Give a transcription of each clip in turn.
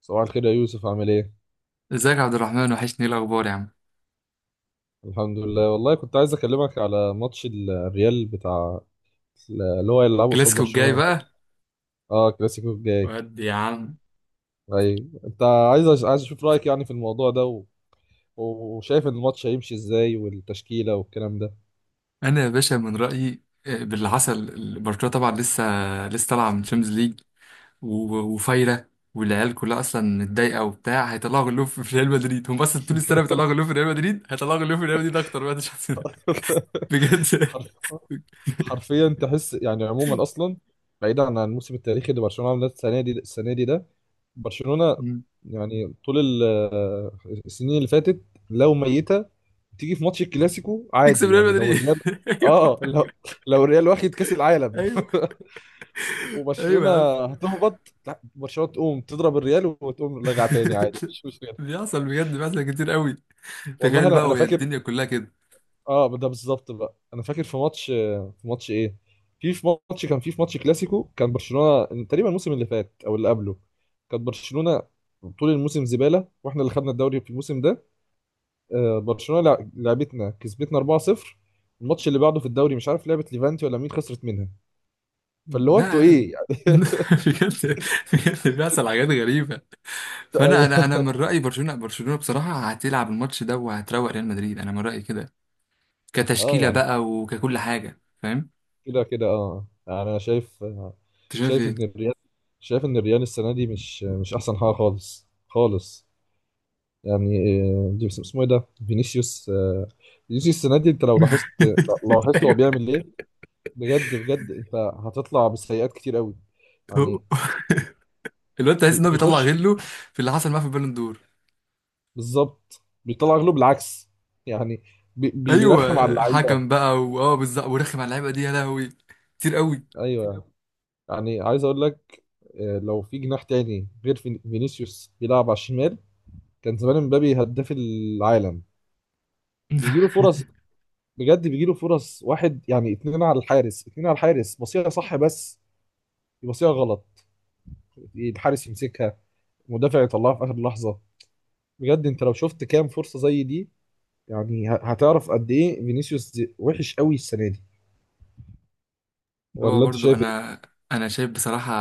صباح الخير يا يوسف، عامل ايه؟ ازيك يا عبد الرحمن، وحشني. ايه الاخبار يا عم؟ الحمد لله، والله كنت عايز اكلمك على ماتش الريال، بتاع اللي هو يلعبه قصاد كلاسيكو الجاي برشلونة. بقى. اه، الكلاسيكو الجاي. ودي يا عم. ايوه، انت عايز اشوف رايك يعني في الموضوع ده وشايف ان الماتش هيمشي ازاي، والتشكيلة والكلام ده. انا يا باشا من رايي، باللي حصل، برشلونه طبعا لسه طالعه من تشامبيونز ليج وفايره، والعيال كلها اصلا متضايقه وبتاع، هيطلعوا غلوب في ريال مدريد. هم اصلا طول السنه بيطلعوا غلوب في ريال مدريد، هيطلعوا غلوب في ريال مدريد اكتر بقى الشخص ده. بجد. حرف حرفيا تحس يعني. عموما اصلا، بعيدا عن الموسم التاريخي اللي برشلونه عملته السنه دي ده، برشلونه مم. يعني طول آه، السنين اللي فاتت، لو ميته تيجي في ماتش الكلاسيكو تكسب عادي ريال يعني. لو مدريد. الريال، اه ايوه، آه، لو لو الريال واخد كاس العالم ايوه، ايوه وبرشلونه يا عم. هتهبط، لا، برشلونه تقوم تضرب الريال وتقوم راجعه تاني عادي، مفيش مشكله. بيحصل، بجد، بيحصل كتير قوي. والله تخيل انا بقى، انا وهي فاكر. الدنيا كلها كده. اه، ده بالظبط. بقى انا فاكر في ماتش في ماتش ايه في في ماتش كان في في ماتش كلاسيكو. كان برشلونة تقريبا الموسم اللي فات او اللي قبله كانت برشلونة طول الموسم زبالة، واحنا اللي خدنا الدوري في الموسم ده. برشلونة لعبتنا، كسبتنا 4-0. الماتش اللي بعده في الدوري، مش عارف لعبت ليفانتي ولا مين، خسرت منها. فاللي هو انتوا لا. ايه يعني؟ بجد بجد، بيحصل حاجات غريبة. فأنا أنا أنا من أيوه. رأيي برشلونة بصراحة هتلعب الماتش ده وهتروق ريال مدريد، أنا من رأيي كده. اه كتشكيلة يعني، بقى وككل حاجة، فاهم؟ كده كده اه. يعني انا شايف، أنت شايف شايف إيه؟ ان الريال، شايف ان الريال السنة دي مش احسن حاجة، خالص خالص يعني. دي اسمه ايه ده، فينيسيوس. فينيسيوس السنه دي، انت لو لاحظت، لو لاحظت هو أيوه. بيعمل ايه. بجد بجد، انت هتطلع بسيئات كتير قوي يعني. هو- الواد تحس إن هو بيطلع بيخش. غله في اللي حصل معاه في البالون دور. بالظبط بيطلع غلو، بالعكس يعني. بيرخم على أيوه اللعيبه. حكم بقى وأه بالظبط، ورخم على اللعيبة دي، يا لهوي كتير قوي. ايوه، يعني عايز اقول لك، لو في جناح تاني غير فينيسيوس بيلعب على الشمال، كان زمان مبابي هداف العالم. بيجي له فرص، بجد بيجي له فرص. واحد يعني، اتنين على الحارس، اتنين على الحارس، بصيها صح بس يبصيها غلط، الحارس يمسكها، مدافع يطلعها في اخر لحظه. بجد، انت لو شفت كام فرصه زي دي، يعني هتعرف قد ايه فينيسيوس وحش قوي السنه دي. هو ولا انت برضو، شايف ايه؟ انا شايف بصراحه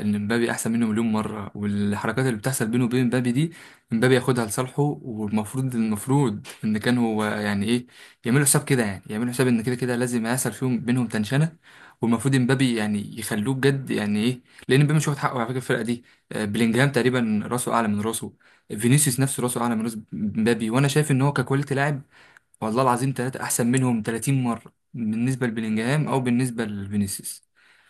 ان مبابي احسن منه مليون مره، والحركات اللي بتحصل بينه وبين مبابي دي مبابي ياخدها لصالحه، والمفروض ان كان هو، يعني ايه، يعملوا حساب كده. يعني يعملوا حساب ان كده كده لازم هيحصل فيهم بينهم تنشنه. والمفروض مبابي يعني يخلوه بجد، يعني ايه، لان مبابي مش واخد حقه على فكره الفرقه دي. بلينجهام تقريبا راسه اعلى من راسه، فينيسيوس نفسه راسه اعلى من راس مبابي. وانا شايف ان هو ككواليتي لاعب، والله العظيم ثلاثه احسن منهم 30 مره بالنسبه لبلينجهام او بالنسبه لفينيسيوس.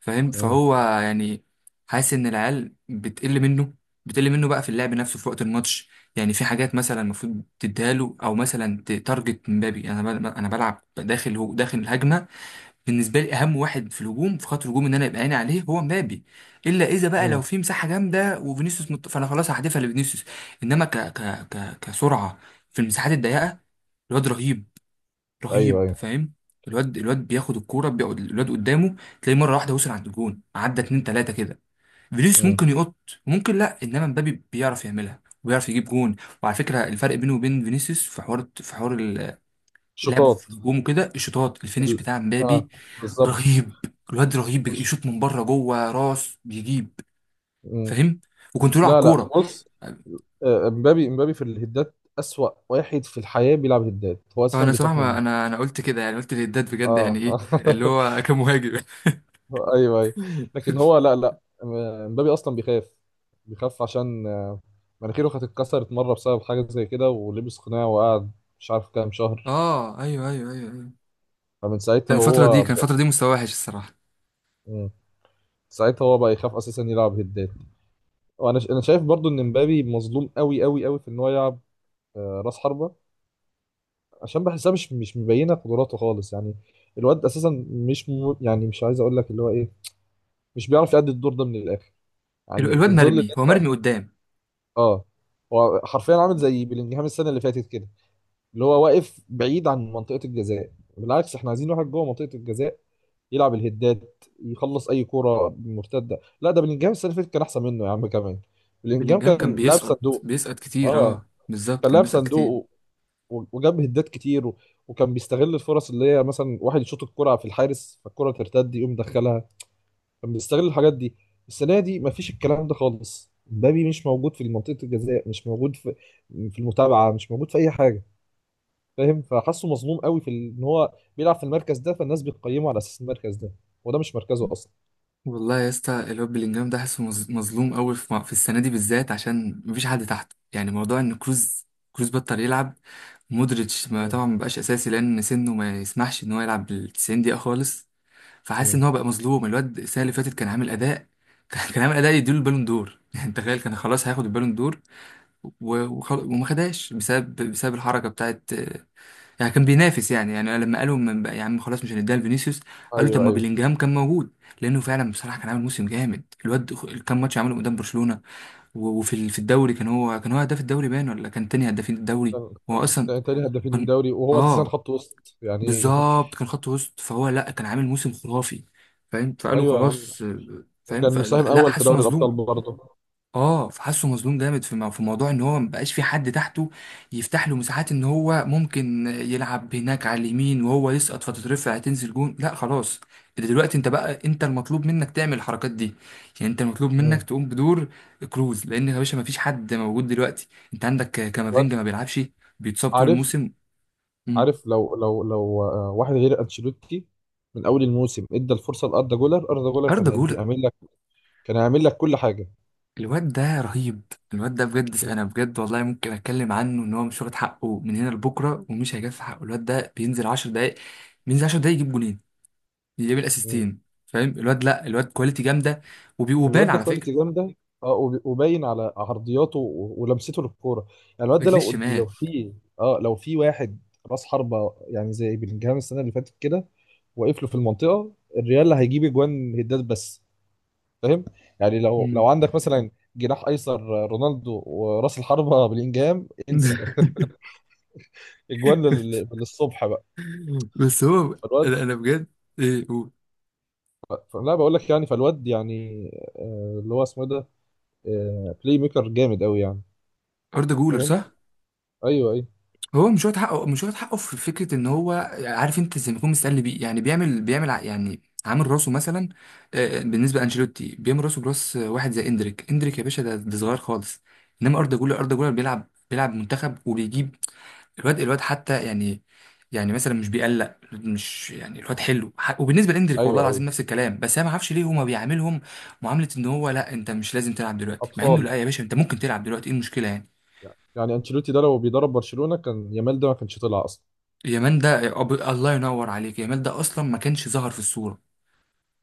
فاهم؟ مم. فهو يعني حاسس ان العيال بتقل منه، بتقل منه بقى في اللعب نفسه، في وقت الماتش. يعني في حاجات مثلا المفروض تديها له، او مثلا تارجت مبابي. انا بلعب داخل، هو داخل الهجمه. بالنسبه لي اهم واحد في الهجوم، في خط الهجوم، ان انا يبقى عيني عليه هو مبابي. الا اذا بقى لو مم. في مساحه جامده وفينيسيوس فانا خلاص هحدفها لفينيسيوس. انما كسرعه في المساحات الضيقه، الواد رهيب، ايوه، رهيب، ايوه. فاهم؟ الواد بياخد الكوره، بيقعد الواد قدامه، تلاقيه مره واحده وصل عند الجون، عدى اتنين تلاته كده. فينيسيوس مم. ممكن يقط وممكن لا. انما مبابي بيعرف يعملها وبيعرف يجيب جون. وعلى فكره الفرق بينه وبين فينيسيوس في حوار، لعبه شطات. في الهجوم وكده، الشوطات، الفينش ال... بتاع مبابي اه، بالظبط. رهيب. الواد رهيب، مش... يشوط من بره، جوه، راس، بيجيب، مم. فاهم، وكنترول على لا لا، الكوره. بص، امبابي، في الهدات اسوأ واحد في الحياه. بيلعب هدات، هو اساسا انا صراحه، بيخاف ما منه. انا قلت كده، يعني قلت للداد بجد، يعني اه. ايه، اللي هو كمهاجم. ايوه، ايوه. لكن هو، لا لا، مبابي اصلا بيخاف. بيخاف عشان مناخيره كانت اتكسرت مره بسبب حاجه زي كده، ولبس قناع وقعد مش عارف كام شهر. اه، ايوه، ايوه، ايوه، أيوه. فمن ساعتها هو. كان الفترة دي مستواه وحش الصراحة. مم. ساعتها هو بقى يخاف اساسا يلعب هدات. وانا انا شايف برضو ان مبابي مظلوم قوي قوي قوي في ان هو يلعب راس حربه، عشان بحسها مش مبينه قدراته خالص يعني. الواد اساسا مش م... يعني مش عايز اقول لك اللي هو ايه، مش بيعرف يأدي الدور ده من الاخر. يعني الواد في ظل، مرمي، هو مرمي قدام. اه، هو حرفيا عامل زي بلينجهام السنه اللي فاتت كده، اللي هو واقف بعيد عن منطقه الجزاء. بالعكس، احنا عايزين واحد جوه منطقه الجزاء يلعب الهدات، يخلص اي كوره مرتده. لا، ده بلينجهام السنه اللي فاتت كان احسن منه يا عم كمان. بلينجهام بلينجهام كان كان لاعب صندوق. بيسقط كتير، اه، اه بالظبط، كان كان لاعب بيسقط كتير. صندوق، وجاب هدات كتير، وكان بيستغل الفرص، اللي هي مثلا واحد يشوط الكرة في الحارس فالكرة ترتد يقوم دخلها. كان بيستغل الحاجات دي. السنه دي مفيش الكلام ده خالص. مبابي مش موجود في منطقه الجزاء، مش موجود في في المتابعه، مش موجود في اي حاجه. فاهم؟ فحاسه مظلوم قوي في ان هو بيلعب في المركز ده، فالناس بتقيمه على اساس المركز ده، وده مش مركزه اصلا. والله يا اسطى، الواد بلينجهام ده حاسه مظلوم قوي في في السنة دي بالذات، عشان مفيش حد تحته. يعني موضوع ان كروز بطل يلعب، مودريتش ما مم. طبعا مبقاش اساسي لان سنه ما يسمحش ان هو يلعب ال 90 دقيقة خالص. فحاسس مم. ان هو بقى مظلوم، الواد السنة اللي فاتت كان عامل اداء. كان عامل اداء يديله البالون دور. يعني تخيل، كان خلاص هياخد البالون دور، وما خدهاش بسبب الحركه بتاعت، يعني كان بينافس. يعني لما قالوا من بقى يا عم، خلاص مش هنديها لفينيسيوس، قالوا طب ايوه، ما ايوه. بيلينجهام كان موجود. لانه فعلا بصراحه كان عامل موسم جامد الواد. كام ماتش عمله قدام برشلونه. وفي في الدوري كان هو هداف الدوري باين، ولا كان تاني هدافين الدوري. كان هو اصلا كان تاني هدافين كان، الدوري، وهو اساسا اه خط وسط يعني. بالظبط كان خط وسط. فهو لا، كان عامل موسم خرافي، فاهم؟ فقالوا ايوه يا عم. خلاص، فاهم؟ وكان مساهم فلا لا، اول في حاسه دوري الابطال مظلوم. برضه. اه فحسه مظلوم جامد في في موضوع ان هو مبقاش في حد تحته يفتح له مساحات، ان هو ممكن يلعب هناك على اليمين، وهو يسقط فتترفع، تنزل جون. لا خلاص، ده دلوقتي انت بقى، انت المطلوب منك تعمل الحركات دي. يعني انت المطلوب منك مم. تقوم بدور كروز، لان يا باشا مفيش حد موجود دلوقتي. انت عندك كامافينجا الواد. ما بيلعبش، بيتصاب طول عارف الموسم. مم. عارف لو واحد غير انشيلوتي من اول الموسم ادى الفرصه لاردا جولر، اردا جولر كان اردا جولر، هيدي عامل لك، كان هيعمل لك كل حاجه. الواد ده رهيب. الواد ده بجد، انا بجد والله ممكن اتكلم عنه ان هو مش واخد حقه من هنا لبكره ومش هيجف حقه. الواد ده بينزل 10 دقايق، بينزل 10 دقايق يجيب جولين، يجيب مم. الاسيستين، فاهم؟ الواد لا، الواد كواليتي جامده. وبان الواد ده على فكره كواليتي جامده. اه، وباين على عرضياته ولمسته للكوره. يعني الواد ده، رجليه لو الشمال. لو في، اه لو في واحد راس حربه يعني زي بلينجهام السنه اللي فاتت كده، واقف له في المنطقه، الريال هيجيب اجوان هدات بس. فاهم؟ يعني لو مم. عندك مثلا جناح ايسر رونالدو وراس الحربه بلينجهام، انسى، اجوان للصبح بقى. بس هو، فالواد، أنا بجد، ايه هو لا بقول لك، يعني فالواد يعني، اللي هو اسمه إيه ده، بلاي ميكر جامد قوي يعني. اردا جولر، فاهم؟ صح؟ ايوه، ايوه، هو مش واخد حقه، مش واخد حقه، في فكره ان هو، عارف انت، زي ما يكون مستقل بيه. يعني بيعمل يعني عامل راسه مثلا، بالنسبه لانشيلوتي، بيعمل راسه براس واحد زي اندريك. اندريك يا باشا ده صغير خالص. انما اردا جولر، بيلعب، منتخب وبيجيب. الواد حتى يعني، يعني مثلا مش بيقلق، مش يعني، الواد حلو وبالنسبه لاندريك والله ايوه، ايوه. العظيم نفس الكلام. بس انا ما اعرفش ليه هما بيعاملهم معامله ان هو، لا انت مش لازم تلعب دلوقتي، مع انه اطفال. لا يا باشا، انت ممكن تلعب دلوقتي، ايه المشكله يعني؟ يعني انشيلوتي ده لو بيدرب برشلونة، كان يامال ده ما كانش طلع اصلا. يامال ده الله ينور عليك، يامال ده اصلا ما كانش ظهر في الصوره،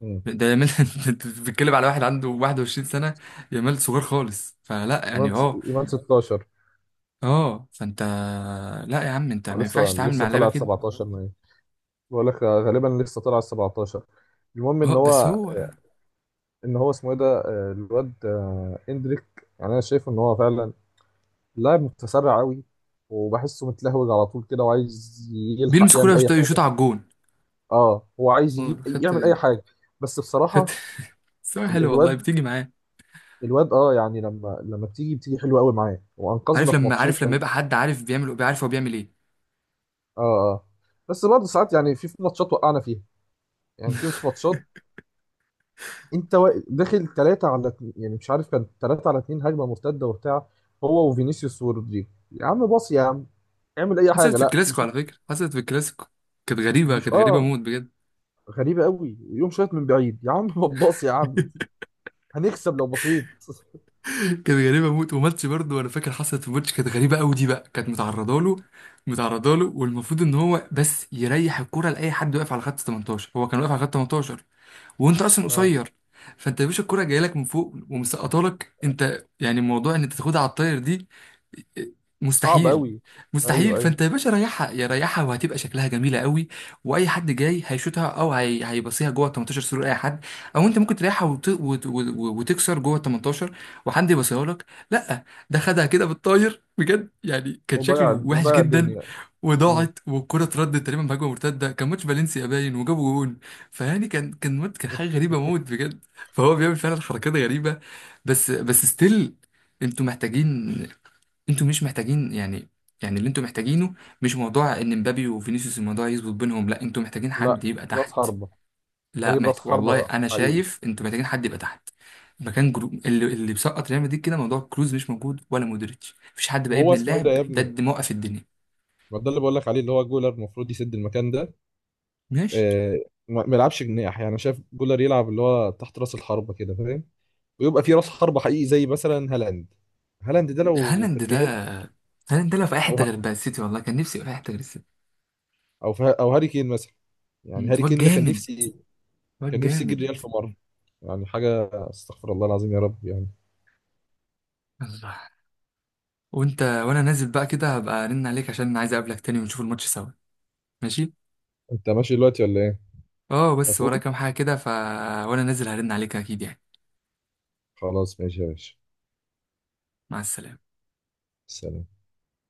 مم. ده يامال. انت بتتكلم على واحد عنده 21 سنه، يامال صغير خالص فلا يعني. ايمان اه. ايمان 16. اه فانت، لا يا عم، انت ما لسه ينفعش تتعامل مع لسه اللعيبه طلع كده. 17 ما هي. بقول لك غالبا لسه طلع 17. المهم ان اه بس هو، هو ان هو اسمه ايه ده، الواد اندريك، يعني انا شايف ان هو فعلا لاعب متسرع قوي، وبحسه متلهوج على طول كده، وعايز يلحق بيلمس كوره يعمل اي يشوط، يشوط حاجه. على الجون. اه، هو عايز يجيب اه خدت، يعمل اي حاجه. بس خدت. بصراحه بس هو ال- حلو والله، الواد بتيجي معاه. الواد اه يعني، لما بتيجي حلوه قوي معاه، وانقذنا عارف في لما، ماتشين اه. يبقى حد عارف بيعمل، بيعرف هو بيعمل ايه. اه بس برضه ساعات، يعني في ماتشات وقعنا فيها، يعني في في ماتشات انت داخل ثلاثه على اتنين، يعني مش عارف، كان ثلاثه على اثنين، هجمه مرتده وبتاع، هو وفينيسيوس ورودريجو. يا عم باص يا عم، اعمل اي حصلت حاجه، في لا الكلاسيكو، على فكره حصلت في الكلاسيكو، كانت غريبه، بيشوط اه. موت بجد. غريبة قوي، يقوم شايط من بعيد يا عم. ما تباص يا عم، هنكسب لو بصيت. كانت غريبه موت، وماتش برضه انا فاكر حصلت في ماتش كانت غريبه قوي دي بقى، كانت متعرضه له، متعرضه له، والمفروض ان هو بس يريح الكرة لاي حد واقف على خط 18. هو كان واقف على خط 18 وانت اصلا آه. قصير. فانت يا باشا الكرة جايه لك من فوق ومسقطه لك انت، يعني الموضوع ان انت تاخدها على الطاير دي صعب مستحيل. قوي. مستحيل. ايوه، ايوه. فانت يا باشا ريحها يا ريحها، وهتبقى شكلها جميله قوي. واي حد جاي هيشوطها او هيبصيها جوه ال 18 سرور اي حد. او انت ممكن تريحها وتكسر جوه ال 18 وحد يبصيها لك. لا، ده خدها كده بالطاير، بجد يعني كان وضيع، شكله وحش وضيع جدا. الدنيا. مم. وضاعت والكره اتردت تقريبا بهجمه مرتده، كان ماتش فالنسيا باين، وجابوا جون. فيعني كان، كان حاجه غريبه موت بجد. فهو بيعمل فعلا حركات غريبه. بس ستيل، انتوا محتاجين، انتوا مش محتاجين يعني، يعني اللي انتوا محتاجينه مش موضوع ان مبابي وفينيسيوس الموضوع يظبط بينهم. لا، انتوا محتاجين لا، حد يبقى راس تحت. حربة، لا تجيب راس والله حربة انا حقيقي. شايف انتوا محتاجين حد يبقى تحت. مكان اللي بيسقط ريال مدريد، كده موضوع كروز مش موجود ولا مودريتش، مفيش حد بقى وهو ابن اسمه ايه ده اللاعب يا ده ابني؟ اللي موقف الدنيا. ما ده اللي بقول لك عليه، اللي هو جولر، المفروض يسد المكان ده. ماشي. آه، ما ما يلعبش جناح يعني. أنا شايف جولر يلعب اللي هو تحت راس الحربة كده، فاهم؟ ويبقى في راس حربة حقيقي زي مثلا هالاند. هالاند ده لو في هالاند ده الريال، هالاند ده لو في اي حته غير او بقى السيتي، والله كان نفسي يبقى في اي حته غير السيتي. في او هاري كين مثلا. يعني هاري واد كين ده كان جامد، نفسي واد كان نفسي اجي جامد. الريال في مره. يعني حاجه استغفر الله العظيم، يا رب يعني. الله. وانت، وانا نازل بقى كده هبقى ارن عليك عشان عايز اقابلك تاني ونشوف الماتش سوا. ماشي. انت ماشي دلوقتي ولا ايه؟ اه بس ورايا هتقوم. كام حاجة كده ف، وانا نازل هرن عليك اكيد يعني. خلاص، ماشي يا باشا. مع السلامة. سلام.